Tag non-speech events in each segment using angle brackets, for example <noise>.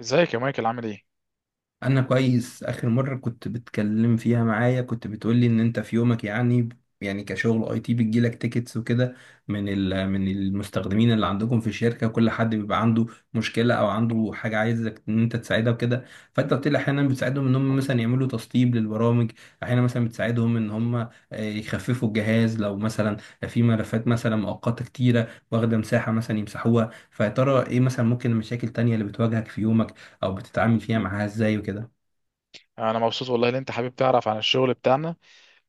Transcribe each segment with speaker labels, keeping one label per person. Speaker 1: ازيك يا مايكل، عامل ايه؟
Speaker 2: انا كويس. اخر مره كنت بتكلم فيها معايا كنت بتقولي ان انت في يومك، يعني كشغل اي تي بتجيلك تيكتس وكده، من المستخدمين اللي عندكم في الشركه. كل حد بيبقى عنده مشكله او عنده حاجه عايزك ان انت تساعدها وكده. فانت قلت لي احيانا بتساعدهم ان هم مثلا يعملوا تسطيب للبرامج، احيانا مثلا بتساعدهم ان هم يخففوا الجهاز لو مثلا في ملفات مثلا مؤقته كتيره واخده مساحه مثلا يمسحوها. فيا ترى ايه مثلا ممكن المشاكل التانيه اللي بتواجهك في يومك او بتتعامل فيها معاها ازاي وكده؟
Speaker 1: انا مبسوط والله ان انت حابب تعرف عن الشغل بتاعنا.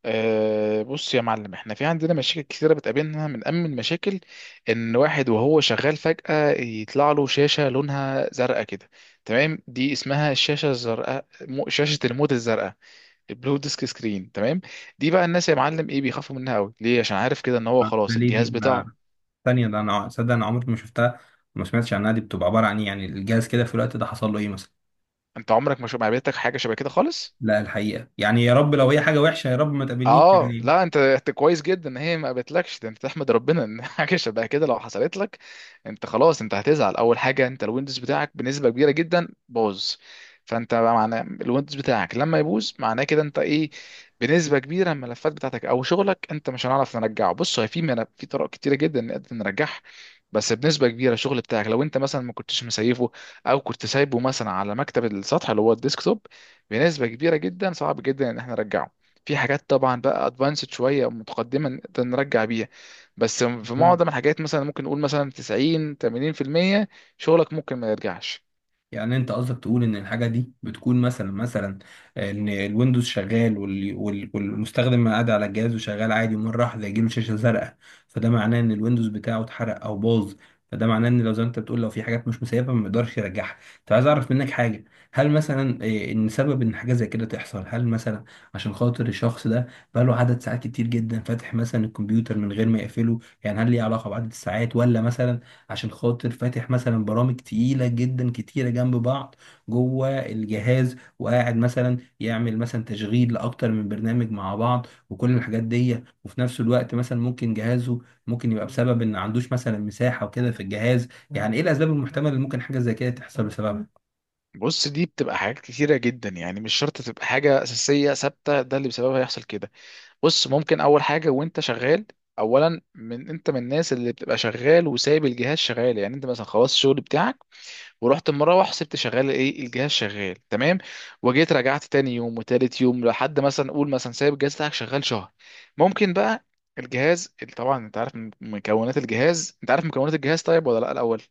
Speaker 1: أه بص يا معلم، احنا في عندنا مشاكل كثيره بتقابلنا. من اهم المشاكل ان واحد وهو شغال فجأة يطلع له شاشه لونها زرقاء كده. تمام، دي اسمها الشاشه الزرقاء، شاشه الموت الزرقاء، البلو ديسك سكرين، تمام. دي بقى الناس يا معلم ايه بيخافوا منها قوي، ليه؟ عشان عارف كده ان هو
Speaker 2: ده
Speaker 1: خلاص
Speaker 2: ليه دي؟
Speaker 1: الجهاز بتاعه.
Speaker 2: انا ثانيه، ده انا صدق انا عمري ما شفتها وما سمعتش عنها. دي بتبقى عباره عن ايه يعني؟ الجهاز كده في الوقت ده حصل له ايه مثلا؟
Speaker 1: انت عمرك ما ما قابلتك حاجه شبه كده خالص؟
Speaker 2: لا الحقيقه يعني، يا رب لو هي حاجه وحشه يا رب ما تقابلنيش
Speaker 1: اه
Speaker 2: يعني.
Speaker 1: لا، انت كويس جدا ان هي ما قابلتلكش. ده انت تحمد ربنا ان <laughs> حاجه شبه كده لو حصلت لك انت خلاص. انت هتزعل اول حاجه، انت الويندوز بتاعك بنسبه كبيره جدا باظ. فانت بقى معناه الويندوز بتاعك لما يبوظ معناه كده انت ايه؟ بنسبه كبيره الملفات بتاعتك او شغلك انت مش هنعرف نرجعه. بص هو في ملف، في طرق كتيره جدا نقدر نرجعها. بس بنسبه كبيره الشغل بتاعك لو انت مثلا ما كنتش مسيفه، او كنت سايبه مثلا على مكتب السطح اللي هو الديسكتوب، بنسبه كبيره جدا صعب جدا ان احنا نرجعه. في حاجات طبعا بقى ادفانسد شويه متقدمه نقدر نرجع بيها، بس في معظم الحاجات مثلا ممكن نقول مثلا 90، 80% شغلك ممكن ما يرجعش.
Speaker 2: يعني انت قصدك تقول ان الحاجه دي بتكون مثلا ان الويندوز شغال والمستخدم قاعد على الجهاز وشغال عادي، ومره واحده يجيله شاشه زرقاء، فده معناه ان الويندوز بتاعه اتحرق او باظ. فده معناه ان لو زي ما انت بتقول لو في حاجات مش مسيبه ما يقدرش يرجعها. طب عايز اعرف منك حاجه، هل مثلا ان سبب ان حاجه زي كده تحصل، هل مثلا عشان خاطر الشخص ده بقاله عدد ساعات كتير جدا فاتح مثلا الكمبيوتر من غير ما يقفله، يعني هل ليه علاقه بعدد الساعات، ولا مثلا عشان خاطر فاتح مثلا برامج تقيلة جدا كتيرة جنب بعض جوه الجهاز، وقاعد مثلا يعمل مثلا تشغيل لأكتر من برنامج مع بعض وكل الحاجات دي، وفي نفس الوقت مثلا ممكن جهازه ممكن يبقى بسبب إن ما عندوش مثلا مساحة وكده في الجهاز؟ يعني إيه الأسباب المحتملة اللي ممكن حاجة زي كده تحصل بسببها؟
Speaker 1: بص دي بتبقى حاجات كتيرة جدا، يعني مش شرط تبقى حاجة أساسية ثابتة ده اللي بسببها يحصل كده. بص ممكن أول حاجة وأنت شغال، أولا من أنت من الناس اللي بتبقى شغال وسايب الجهاز شغال. يعني أنت مثلا خلاص الشغل بتاعك ورحت مروح، سبت شغال ايه الجهاز شغال، تمام. وجيت رجعت تاني يوم وتالت يوم، لحد مثلا قول مثلا سايب الجهاز بتاعك شغال شهر. ممكن بقى الجهاز طبعا. انت عارف مكونات الجهاز؟ انت عارف مكونات الجهاز طيب ولا لا الاول؟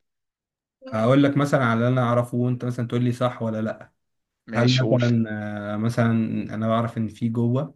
Speaker 2: هقول لك مثلا على اللي أنا أعرفه وأنت مثلا تقول لي صح ولا لأ. هل
Speaker 1: ماشي قول.
Speaker 2: مثلا مثلا أنا بعرف إن في جوه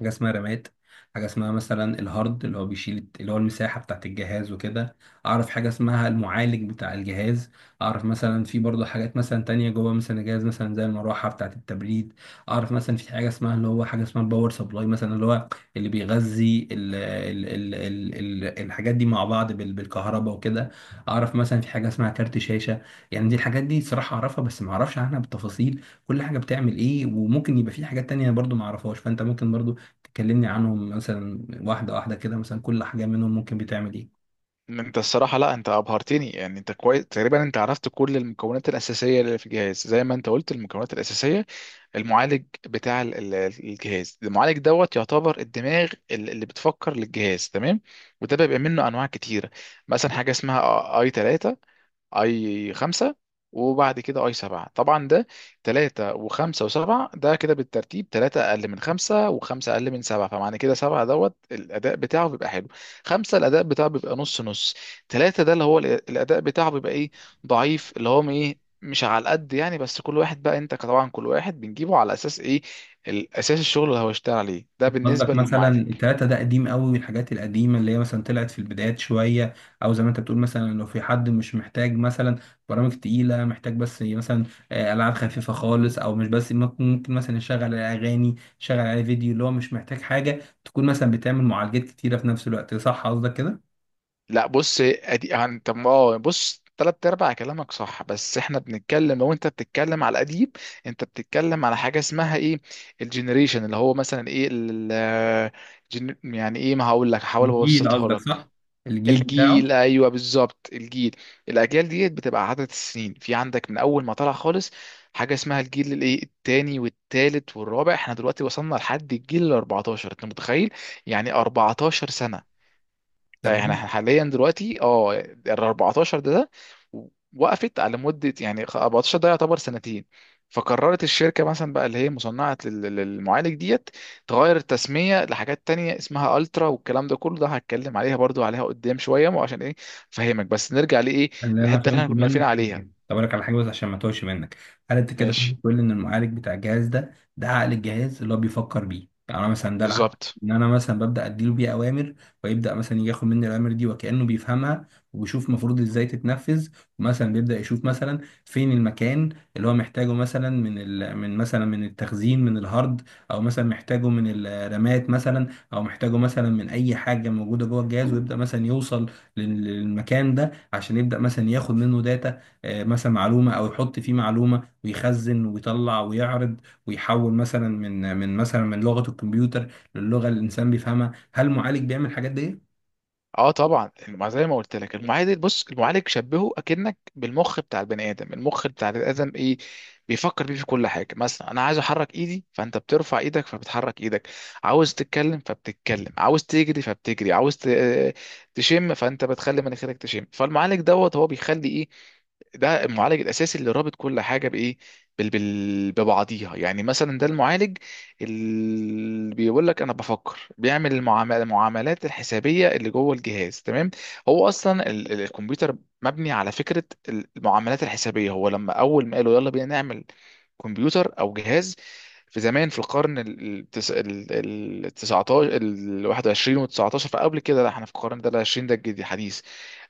Speaker 2: حاجة اسمها رامات، حاجة اسمها مثلا الهارد اللي هو بيشيل اللي هو المساحة بتاعت الجهاز وكده. أعرف حاجة اسمها المعالج بتاع الجهاز. أعرف مثلا في برضه حاجات مثلا تانية جوه مثلا الجهاز مثلا زي المروحة بتاعت التبريد. أعرف مثلا في حاجة اسمها اللي هو حاجة اسمها الباور سبلاي مثلا اللي هو اللي بيغذي ال ال ال ال ال الحاجات دي مع بعض بالكهرباء وكده. أعرف مثلا في حاجة اسمها كارت شاشة. يعني دي الحاجات دي صراحة أعرفها بس ما أعرفش عنها بالتفاصيل. كل حاجة بتعمل إيه؟ وممكن يبقى في حاجات تانية برضه ما أعرفهاش، فأنت ممكن برضه تكلمني عنهم مثلا واحدة واحدة كده، مثلا كل حاجة منهم ممكن بتعمل ايه.
Speaker 1: انت الصراحه لا انت ابهرتني، يعني انت كويس تقريبا، انت عرفت كل المكونات الاساسيه اللي في الجهاز، زي ما انت قلت المكونات الاساسيه. المعالج بتاع الجهاز، المعالج دوت يعتبر الدماغ، اللي بتفكر للجهاز، تمام. وده بيبقى منه انواع كتيره. مثلا حاجه اسمها اي 3، اي 5، وبعد كده اي 7. طبعا ده تلاتة وخمسة وسبعة، ده كده بالترتيب. تلاتة اقل من خمسة، وخمسة اقل من سبعة، فمعنى كده سبعة دوت الاداء بتاعه بيبقى حلو. خمسة الاداء بتاعه بيبقى نص نص. تلاتة ده اللي هو الاداء بتاعه بيبقى ايه؟ ضعيف، اللي هو ايه، مش على القد يعني. بس كل واحد بقى، انت طبعا كل واحد بنجيبه على اساس ايه؟ الاساس الشغل اللي هو اشتغل عليه، ده
Speaker 2: قصدك
Speaker 1: بالنسبة
Speaker 2: مثلا
Speaker 1: للمعالج.
Speaker 2: التلاتة ده قديم قوي، الحاجات القديمة اللي هي مثلا طلعت في البدايات شوية، او زي ما انت بتقول مثلا لو في حد مش محتاج مثلا برامج تقيلة، محتاج بس مثلا ألعاب خفيفة خالص، او مش بس ممكن ممكن مثلا يشغل اغاني، يشغل عليه فيديو، اللي هو مش محتاج حاجة تكون مثلا بتعمل معالجات كتيرة في نفس الوقت. صح قصدك كده؟
Speaker 1: لا بص ادي عن طب اه بص، تلات ارباع كلامك صح، بس احنا بنتكلم لو انت بتتكلم على القديم. انت بتتكلم على حاجه اسمها ايه؟ الجنريشن اللي هو مثلا ايه يعني ايه، ما هقول لك، هحاول
Speaker 2: الجيل
Speaker 1: ابسطها
Speaker 2: قصدك
Speaker 1: لك.
Speaker 2: صح، الجيل
Speaker 1: الجيل،
Speaker 2: بتاعه.
Speaker 1: ايوه بالظبط الجيل. الاجيال ديت بتبقى عدد السنين في عندك من اول ما طلع خالص. حاجه اسمها الجيل الايه، التاني والتالت والرابع. احنا دلوقتي وصلنا لحد الجيل ال 14، انت متخيل؟ يعني 14 سنه.
Speaker 2: ده
Speaker 1: ده يعني
Speaker 2: بجد؟
Speaker 1: احنا حاليا دلوقتي اه ال 14 ده وقفت على مده. يعني 14 ده يعتبر سنتين. فقررت الشركه مثلا بقى اللي هي مصنعه للمعالج ديت تغير التسميه لحاجات تانية اسمها الترا والكلام ده كله. ده هتكلم عليها برضو عليها قدام شويه، ما عشان ايه فهمك. بس نرجع لايه،
Speaker 2: اللي انا
Speaker 1: الحته اللي
Speaker 2: فهمته
Speaker 1: احنا كنا واقفين
Speaker 2: منك حاجه.
Speaker 1: عليها.
Speaker 2: طب اقول لك على حاجه بس عشان ما توهش منك. هل انت كده تقول
Speaker 1: ماشي
Speaker 2: تقول ان المعالج بتاع الجهاز ده ده عقل الجهاز اللي هو بيفكر بيه، يعني انا مثلا ده العقل،
Speaker 1: بالظبط.
Speaker 2: ان انا مثلا ببدا اديله بيه اوامر، ويبدا مثلا يجي ياخد مني الاوامر دي وكانه بيفهمها، وبيشوف المفروض ازاي تتنفذ، ومثلا بيبدا يشوف مثلا فين المكان اللي هو محتاجه مثلا من ال... من مثلا من التخزين من الهارد، او مثلا محتاجه من الرامات مثلا، او محتاجه مثلا من اي حاجه موجوده جوه الجهاز، ويبدا مثلا يوصل للمكان ده عشان يبدأ مثلا ياخد منه داتا، مثلا معلومة، او يحط فيه معلومة ويخزن ويطلع ويعرض ويحول مثلا من مثلا من لغة الكمبيوتر للغة اللي الانسان بيفهمها. هل المعالج بيعمل الحاجات دي؟
Speaker 1: اه طبعا ما زي ما قلت لك المعالج بص، المعالج شبهه اكنك بالمخ بتاع البني ادم. المخ بتاع البني ادم ايه، بيفكر بيه في كل حاجه. مثلا انا عايز احرك ايدي فانت بترفع ايدك فبتحرك ايدك. عاوز تتكلم فبتتكلم، عاوز تجري فبتجري، عاوز تشم فانت بتخلي مناخيرك تشم. فالمعالج دوت هو بيخلي ده المعالج الاساسي اللي رابط كل حاجه بايه، ببعضيها. يعني مثلا ده المعالج اللي بيقول لك انا بفكر، بيعمل المعاملات الحسابيه اللي جوه الجهاز، تمام. هو اصلا الكمبيوتر مبني على فكره المعاملات الحسابيه. هو لما اول ما قالوا يلا بينا نعمل كمبيوتر او جهاز، في زمان في القرن ال 19، ال 21 و 19. فقبل كده لا، احنا في القرن ده ال 20، ده الجديد الحديث.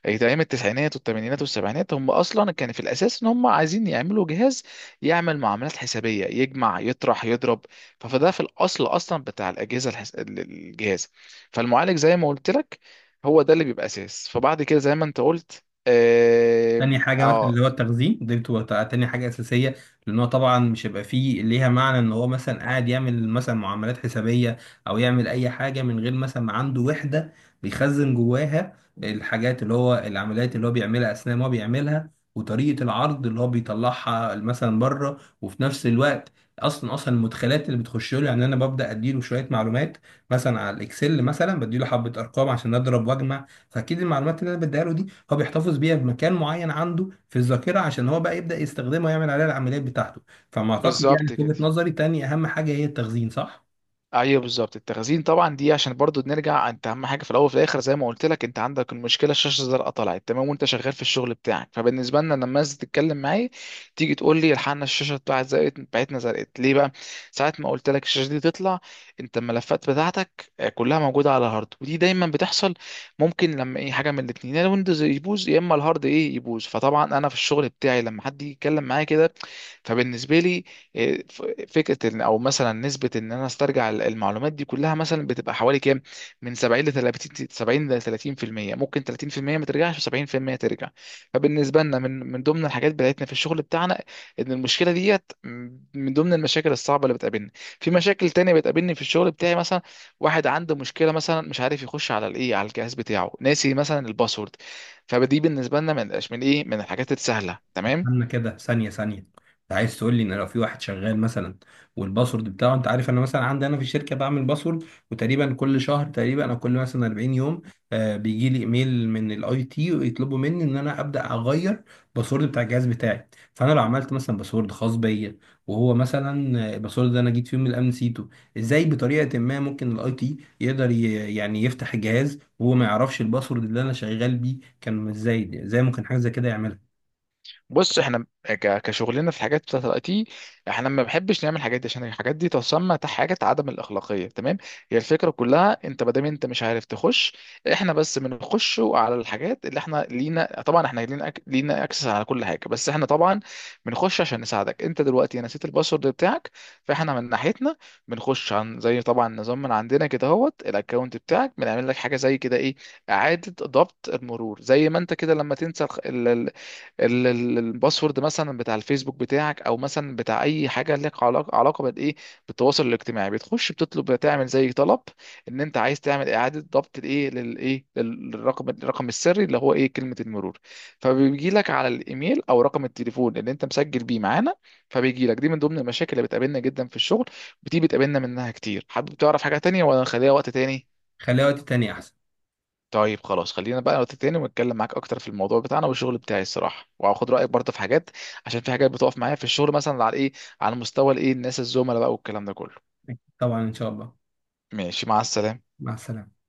Speaker 1: ايام التسعينات والثمانينات والسبعينات هم اصلا كان في الاساس ان هم عايزين يعملوا جهاز يعمل معاملات حسابيه، يجمع يطرح يضرب. فده في الاصل اصلا بتاع الاجهزه الجهاز. فالمعالج زي ما قلت لك هو ده اللي بيبقى اساس. فبعد كده زي ما انت قلت
Speaker 2: تاني حاجة مثلا اللي هو التخزين دي بتبقى تاني حاجة أساسية، لأن هو طبعا مش هيبقى فيه ليها معنى إن هو مثلا قاعد يعمل مثلا معاملات حسابية أو يعمل أي حاجة من غير مثلا ما عنده وحدة بيخزن جواها الحاجات اللي هو العمليات اللي هو بيعملها أثناء ما هو بيعملها، وطريقة العرض اللي هو بيطلعها مثلا بره، وفي نفس الوقت اصلا اصلا المدخلات اللي بتخش له. يعني انا ببدا اديله شويه معلومات مثلا على الاكسل، مثلا بديله حبه ارقام عشان اضرب واجمع، فاكيد المعلومات اللي انا بديها له دي هو بيحتفظ بيها بمكان معين عنده في الذاكره عشان هو بقى يبدا يستخدمها ويعمل عليها العمليات بتاعته. فما اعتقد يعني
Speaker 1: بالظبط
Speaker 2: في
Speaker 1: كده.
Speaker 2: وجهه نظري تاني اهم حاجه هي التخزين، صح؟
Speaker 1: ايوه بالظبط التخزين طبعا. دي عشان برضو نرجع، انت اهم حاجه في الاول وفي الاخر زي ما قلت لك. انت عندك المشكله الشاشه الزرقاء طلعت تمام وانت شغال في الشغل بتاعك، فبالنسبه لنا لما الناس تتكلم معايا، تيجي تقول لي الحقنا الشاشه بتاعت زرقت بتاعتنا زرقت ليه بقى. ساعه ما قلت لك الشاشه دي تطلع، انت الملفات بتاعتك كلها موجوده على الهارد. ودي دايما بتحصل. ممكن لما ايه حاجه من الاثنين، يا الويندوز يبوظ، يا اما الهارد ايه يبوظ. فطبعا انا في الشغل بتاعي لما حد يجي يتكلم معايا كده، فبالنسبه لي إيه، ف- فكره ان او مثلا نسبه ان انا استرجع المعلومات دي كلها مثلا بتبقى حوالي كام؟ من 70 ل 30، 70 ل 30%، ممكن 30% ما ترجعش و70% ترجع. فبالنسبه لنا من ضمن الحاجات بتاعتنا في الشغل بتاعنا ان المشكله ديت من ضمن المشاكل الصعبه اللي بتقابلنا. في مشاكل تانية بتقابلني في الشغل بتاعي، مثلا واحد عنده مشكله مثلا مش عارف يخش على الايه على الجهاز بتاعه، ناسي مثلا الباسورد. فدي بالنسبه لنا من ايه، من الحاجات السهله، تمام.
Speaker 2: استنى كده، ثانية ثانية. انت عايز تقول لي ان لو في واحد شغال مثلا والباسورد بتاعه، انت عارف انا مثلا عندي انا في الشركة بعمل باسورد، وتقريبا كل شهر تقريبا او كل مثلا 40 يوم آه بيجي لي ايميل من الاي تي ويطلبوا مني ان انا ابدا اغير باسورد بتاع الجهاز بتاعي. فانا لو عملت مثلا باسورد خاص بيا وهو مثلا الباسورد ده انا جيت فيه من الامن نسيته، ازاي بطريقة ما ممكن الاي تي يقدر يعني يفتح الجهاز وهو ما يعرفش الباسورد اللي انا شغال بيه كان؟ ازاي ممكن حاجة زي كده يعملها؟
Speaker 1: بص احنا كشغلنا في الحاجات بتاعت الاي تي، احنا ما بنحبش نعمل الحاجات دي، عشان الحاجات دي تسمى حاجه عدم الاخلاقيه، تمام. هي الفكره كلها انت ما دام انت مش عارف تخش، احنا بس بنخش على الحاجات اللي احنا لينا. طبعا احنا لينا لينا اكسس على كل حاجه، بس احنا طبعا بنخش عشان نساعدك. انت دلوقتي نسيت الباسورد بتاعك، فاحنا من ناحيتنا بنخش عن زي طبعا نظام من عندنا كده، اهوت الاكونت بتاعك بنعمل لك حاجه زي كده ايه، اعاده ضبط المرور. زي ما انت كده لما تنسى الباسورد مثلا بتاع الفيسبوك بتاعك، او مثلا بتاع اي حاجه لك علاقه علاقه بالايه، بالتواصل الاجتماعي. بتخش بتطلب تعمل زي طلب ان انت عايز تعمل اعاده ضبط الايه، للايه، للرقم، الرقم السري اللي هو ايه، كلمه المرور. فبيجي لك على الايميل او رقم التليفون اللي انت مسجل بيه معانا، فبيجي لك. دي من ضمن المشاكل اللي بتقابلنا جدا في الشغل، ودي بتقابلنا منها كتير. حابب تعرف حاجه تانية ولا نخليها وقت تاني؟
Speaker 2: خليها وقت تاني أحسن.
Speaker 1: طيب خلاص خلينا بقى نقطة تاني ونتكلم معاك اكتر في الموضوع بتاعنا والشغل بتاعي الصراحه، وهاخد رايك برضه في حاجات، عشان في حاجات بتقف معايا في الشغل مثلا على ايه، على مستوى الايه الناس الزملاء بقى والكلام ده كله.
Speaker 2: طبعا إن شاء الله.
Speaker 1: ماشي مع السلامه.
Speaker 2: مع السلامة.